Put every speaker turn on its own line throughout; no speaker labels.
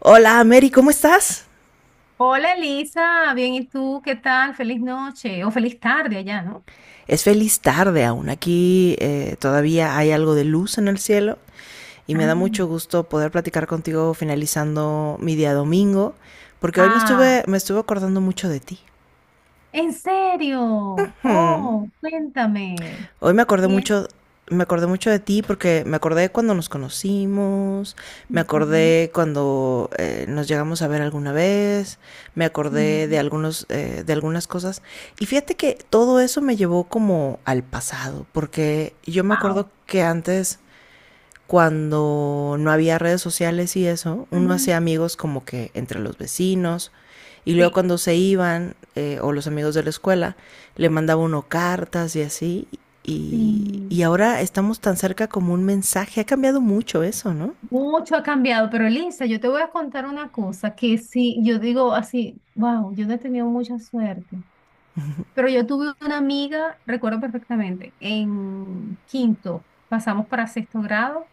Hola Mary, ¿cómo estás?
Hola Elisa, bien, ¿y tú qué tal? Feliz noche o feliz tarde allá, ¿no?
Es feliz tarde aún. Aquí todavía hay algo de luz en el cielo y me
Ah,
da mucho gusto poder platicar contigo finalizando mi día domingo, porque hoy me
ah,
estuve, me estuve acordando mucho de ti.
¿en serio?
Hmm.
Oh, cuéntame.
Hoy
Y es-
me acordé mucho de ti porque me acordé cuando nos conocimos, me
Ujú.
acordé cuando nos llegamos a ver alguna vez, me
Sí.
acordé de algunos, de algunas cosas. Y fíjate que todo eso me llevó como al pasado, porque yo me acuerdo
Wow.
que antes cuando no había redes sociales y eso, uno
Ujú.
hacía amigos como que entre los vecinos. Y luego
Sí,
cuando se iban, o los amigos de la escuela, le mandaba uno cartas y así. Y
sí.
ahora estamos tan cerca como un mensaje. Ha cambiado mucho eso, ¿no?
Mucho ha cambiado, pero Elisa, yo te voy a contar una cosa que sí, yo digo así, wow, yo no he tenido mucha suerte, pero yo tuve una amiga, recuerdo perfectamente, en quinto, pasamos para sexto grado.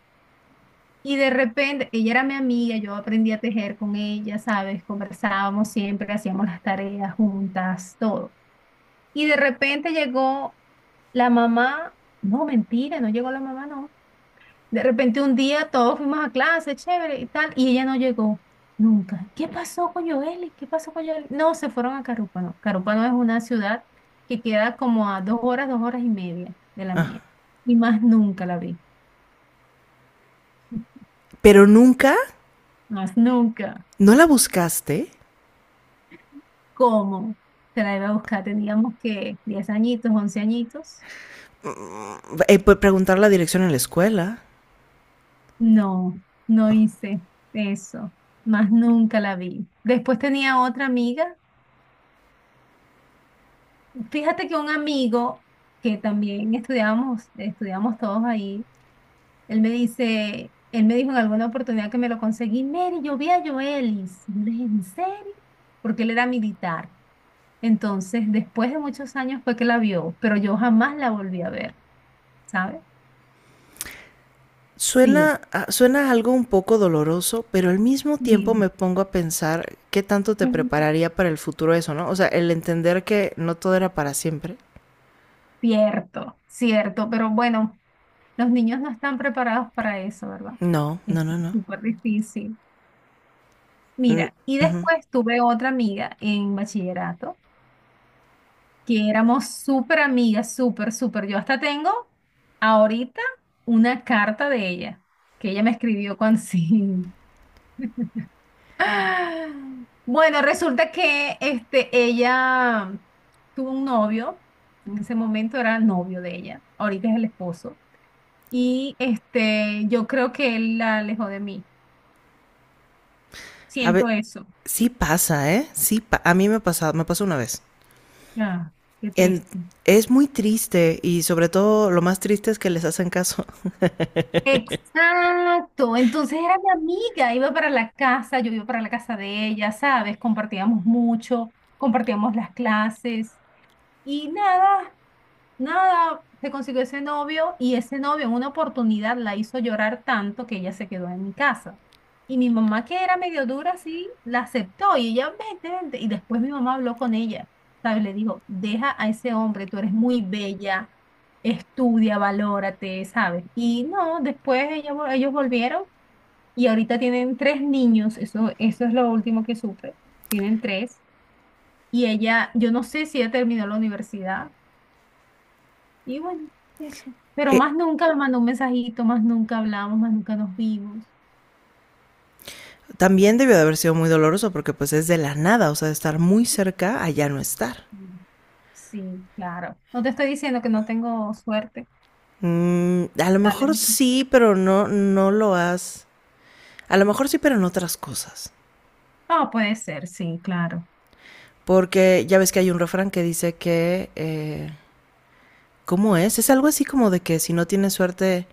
Y de repente, ella era mi amiga, yo aprendí a tejer con ella, ¿sabes? Conversábamos siempre, hacíamos las tareas juntas, todo. Y de repente llegó la mamá, no, mentira, no llegó la mamá, no. De repente un día todos fuimos a clase, chévere y tal, y ella no llegó nunca. ¿Qué pasó con Joeli? ¿Qué pasó con Joeli? No, se fueron a Carúpano. Carúpano es una ciudad que queda como a 2 horas, 2 horas y media de la mía. Y más nunca la vi,
Pero nunca,
más nunca.
¿no la buscaste?
¿Cómo? Te la iba a buscar. Teníamos que 10 añitos, 11 añitos.
Pues, preguntar la dirección en la escuela.
No, no hice eso. Más nunca la vi. Después tenía otra amiga. Fíjate que un amigo que también estudiábamos, estudiamos todos ahí, él me dice, él me dijo en alguna oportunidad que me lo conseguí, Mary, yo vi a Joelis. Y yo le dije, ¿en serio? Porque él era militar. Entonces, después de muchos años fue que la vio, pero yo jamás la volví a ver, ¿sabes? Sí.
Suena, suena algo un poco doloroso, pero al mismo tiempo
Sí.
me pongo a pensar qué tanto te
Ujú.
prepararía para el futuro eso, ¿no? O sea, el entender que no todo era para siempre.
Cierto, cierto, pero bueno, los niños no están preparados para eso, ¿verdad?
No,
Es
no, no, no.
súper difícil.
Mm,
Mira, y
ujú.
después tuve otra amiga en bachillerato, que éramos súper amigas, súper, súper. Yo hasta tengo ahorita una carta de ella, que ella me escribió cuando sí. Ah, bueno, resulta que este, ella tuvo un novio, en ese momento era el novio de ella, ahorita es el esposo, y este, yo creo que él la alejó de mí.
A
Siento
ver,
eso.
sí pasa, ¿eh? Sí, a mí me pasado, me pasó una vez.
Ah, qué
En-
triste.
es muy triste y sobre todo lo más triste es que les hacen caso.
Exacto, entonces era mi amiga, iba para la casa, yo iba para la casa de ella, ¿sabes? Compartíamos mucho, compartíamos las clases, y nada, nada, se consiguió ese novio y ese novio en una oportunidad la hizo llorar tanto que ella se quedó en mi casa. Y mi mamá, que era medio dura, sí, la aceptó y ella, vente, vente. Y después mi mamá habló con ella, ¿sabes? Le dijo, deja a ese hombre, tú eres muy bella, estudia, valórate, ¿sabes? Y no, después ella, ellos volvieron y ahorita tienen tres niños, eso es lo último que supe, tienen tres. Y ella, yo no sé si ella terminó la universidad y bueno, eso. Pero
Eh,
más nunca me mandó un mensajito, más nunca hablamos, más nunca nos vimos.
también debió de haber sido muy doloroso porque pues es de la nada, o sea, de estar muy cerca a ya no estar.
Mm. Sí, claro. No te estoy diciendo que no tengo suerte.
Mm, a lo
Dale.
mejor sí, pero no, no lo has. A lo mejor sí, pero en otras cosas.
Ah, puede ser, sí, claro.
Porque ya ves que hay un refrán que dice que. ¿Cómo es? Es algo así como de que si no tienes suerte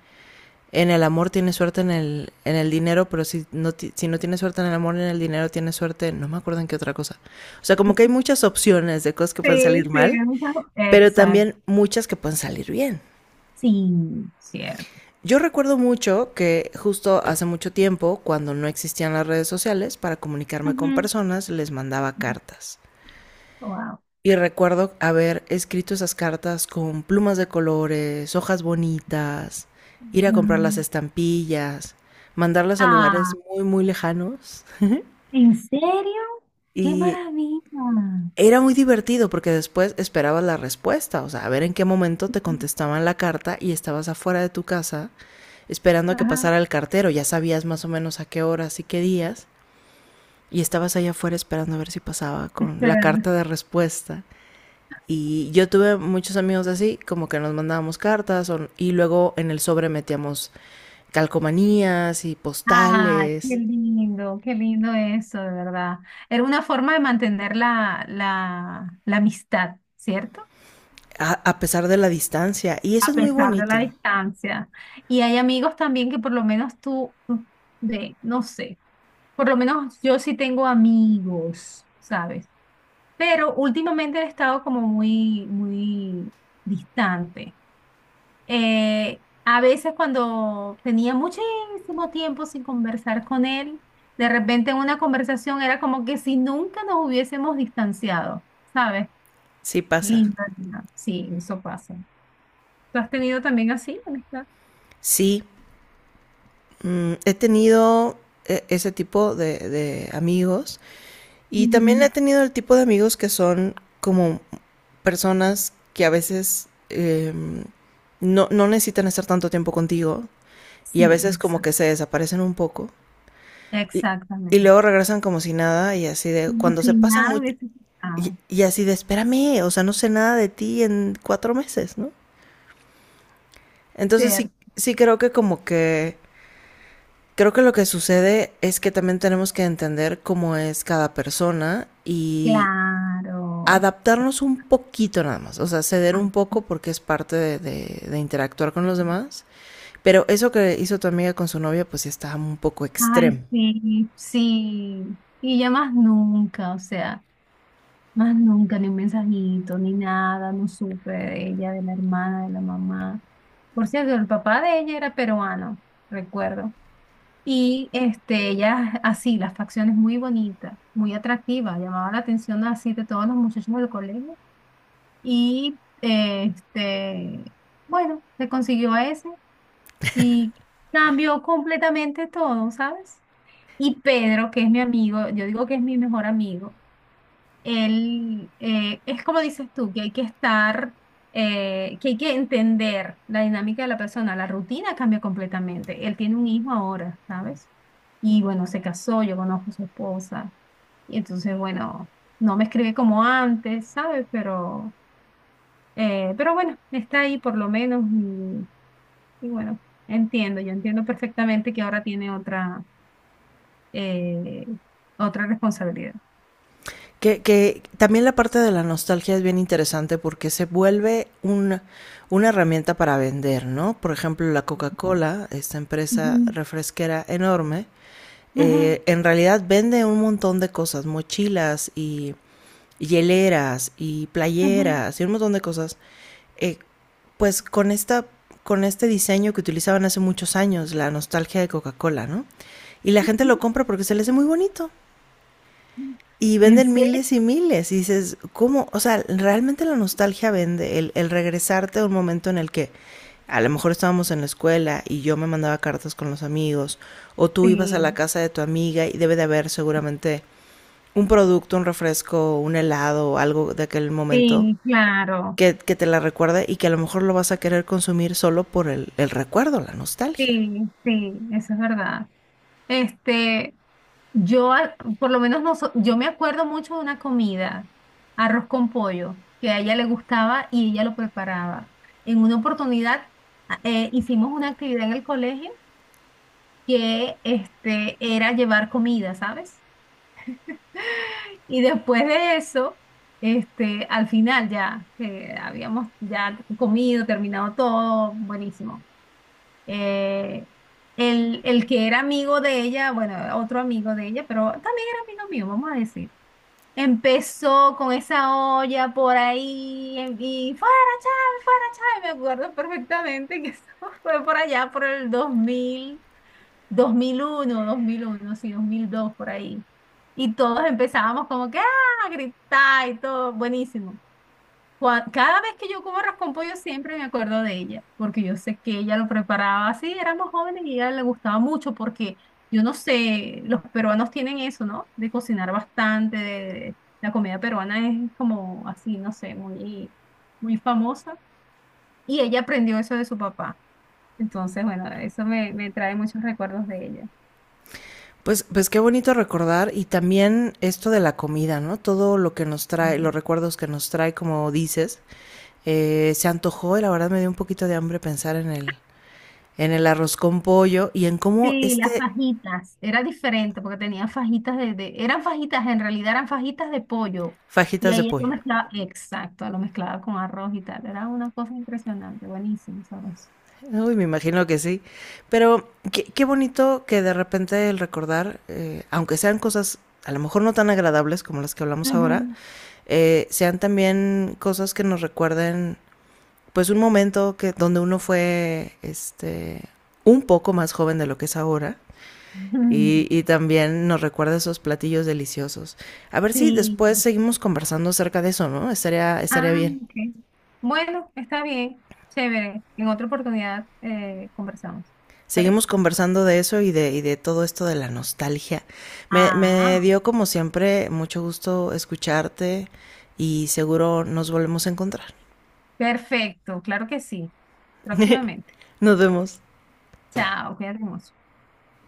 en el amor, tienes suerte en el dinero, pero si no, si no tienes suerte en el amor, en el dinero, tienes suerte. No me acuerdo en qué otra cosa. O sea, como que hay muchas opciones de cosas que pueden
Sí,
salir
sí.
mal,
Ajá.
pero
Exacto.
también muchas que pueden salir bien.
Sí, cierto.
Yo recuerdo mucho que justo hace mucho tiempo, cuando no existían las redes sociales, para comunicarme con
Ujú.
personas les mandaba cartas.
Wow.
Y recuerdo haber escrito esas cartas con plumas de colores, hojas bonitas, ir a comprar las
Mm.
estampillas, mandarlas a
Ah,
lugares muy, muy lejanos.
¿en serio? ¡Qué
Y
maravilla!
era muy divertido porque después esperabas la respuesta, o sea, a ver en qué momento te contestaban la carta y estabas afuera de tu casa esperando a que
Ajá,
pasara el cartero, ya sabías más o menos a qué horas y qué días, y estabas allá afuera esperando a ver si pasaba con la
esperando.
carta de respuesta. Y yo tuve muchos amigos así, como que nos mandábamos cartas y luego en el sobre metíamos calcomanías y
Ah,
postales,
qué lindo eso, de verdad. Era una forma de mantener la amistad, ¿cierto?
a pesar de la distancia. Y eso
A
es muy
pesar de la
bonito.
distancia. Y hay amigos también que por lo menos tú, de, no sé, por lo menos yo sí tengo amigos, ¿sabes? Pero últimamente he estado como muy, muy distante. A veces cuando tenía muchísimo tiempo sin conversar con él, de repente en una conversación era como que si nunca nos hubiésemos distanciado, ¿sabes?
Sí pasa.
Linda, linda. Sí, eso pasa. ¿Tú has tenido también así, amistad?
Sí, mm, he tenido ese tipo de amigos y también
Ujú.
he tenido el tipo de amigos que son como personas que a veces no, no necesitan estar tanto tiempo contigo y a
Sí,
veces como
exacto.
que se desaparecen un poco y, y
Exactamente.
luego regresan como si nada y así de
Como
cuando se
si
pasa
nada
mucho
hubiese
y,
pasado.
y así de espérame, o sea, no sé nada de ti en 4 meses, ¿no? Entonces sí,
Ser,
sí creo que como que creo que lo que sucede es que también tenemos que entender cómo es cada persona y
claro. Sí.
adaptarnos un poquito nada más, o sea, ceder
Ah,
un poco porque es parte de, de interactuar con
sí.
los demás, pero eso que hizo tu amiga con su novia pues sí está un poco extremo.
Ay, sí, sí. Y ya más nunca, o sea. Más nunca, ni un mensajito, ni nada, no supe de ella, de la hermana, de la mamá. Por cierto, el papá de ella era peruano, recuerdo. Y este, ella, así, las facciones muy bonitas, muy atractivas, llamaba la atención así de todos los muchachos del colegio. Y este, bueno, se consiguió a ese y cambió completamente todo, ¿sabes? Y Pedro, que es mi amigo, yo digo que es mi mejor amigo el, es como dices tú, que hay que estar, que hay que entender la dinámica de la persona. La rutina cambia completamente. Él tiene un hijo ahora, ¿sabes? Y bueno, se casó, yo conozco a su esposa. Y entonces, bueno, no me escribe como antes, ¿sabes? Pero bueno, está ahí por lo menos. Y bueno, entiendo, yo entiendo perfectamente que ahora tiene otra, eh, otra responsabilidad.
Que también la parte de la nostalgia es bien interesante porque se vuelve una herramienta para vender, ¿no? Por ejemplo, la Coca-Cola, esta empresa
Ujú,
refresquera enorme. En realidad vende un montón de cosas, mochilas y hieleras y
ujú,
playeras y un montón de cosas. Eh, pues con esta con este diseño que utilizaban hace muchos años, la nostalgia de Coca-Cola, ¿no? Y la gente
ujú.
lo compra porque se le hace muy bonito. Y
¿En
venden
serio?
miles y miles. Y dices, ¿cómo? O sea, realmente la nostalgia vende. El regresarte a un momento en el que a lo mejor estábamos en la escuela y yo me mandaba cartas con los amigos. O tú ibas a la
Sí,
casa de tu amiga y debe de haber seguramente un producto, un refresco, un helado o algo de aquel momento
sí, claro.
que te la recuerde y que a lo mejor lo vas a querer consumir solo por el recuerdo, la nostalgia.
Sí, sí, eso es verdad. Este, yo, por lo menos, no yo me acuerdo mucho de una comida, arroz con pollo, que a ella le gustaba y ella lo preparaba. En una oportunidad, hicimos una actividad en el colegio que, este, era llevar comida, ¿sabes? Y después de eso, este, al final ya, que habíamos ya comido, terminado todo, buenísimo. Eh, el que era amigo de ella, bueno, otro amigo de ella, pero también era amigo mío, vamos a decir. Empezó con esa olla por ahí y fuera, Chávez, fuera, Chávez. Me acuerdo perfectamente que eso fue por allá, por el dos dos mil uno, sí, 2002 por ahí. Y todos empezábamos como que, ah, a gritar y todo, buenísimo. Cada vez que yo como arroz con pollo siempre me acuerdo de ella, porque yo sé que ella lo preparaba así, éramos jóvenes y a ella le gustaba mucho porque yo no sé, los peruanos tienen eso, ¿no? De cocinar bastante, la comida peruana es como así, no sé, muy, muy famosa y ella aprendió eso de su papá. Entonces, bueno, eso me trae muchos recuerdos de ella.
Pues, pues qué bonito recordar y también esto de la comida, ¿no? Todo lo que nos trae, los recuerdos que nos trae, como dices, se antojó y la verdad me dio un poquito de hambre pensar en el arroz con pollo y en cómo
Sí, las
este
fajitas. Era diferente porque tenía fajitas Eran fajitas, en realidad eran fajitas de pollo. Y
fajitas de
ahí lo
pollo.
mezclaba, exacto, lo mezclaba con arroz y tal. Era una cosa impresionante, buenísimo, sabroso.
Uy, me imagino que sí. Pero qué, qué bonito que de repente el recordar, aunque sean cosas a lo mejor no tan agradables como las que hablamos ahora,
Ujú.
sean también cosas que nos recuerden pues un momento que donde uno fue este un poco más joven de lo que es ahora
Ujú.
y también nos recuerda esos platillos deliciosos. A ver si
Sí.
después seguimos conversando acerca de eso, ¿no? Estaría,
Ah,
estaría bien.
ok. Bueno, está bien, chévere. En otra oportunidad conversamos.
Seguimos
¿Parece?
conversando de eso y de todo esto de la nostalgia. Me
Ah,
dio como siempre mucho gusto escucharte y seguro nos volvemos a encontrar.
perfecto, claro que sí. Próximamente.
Nos vemos.
Chao, cuídate mucho.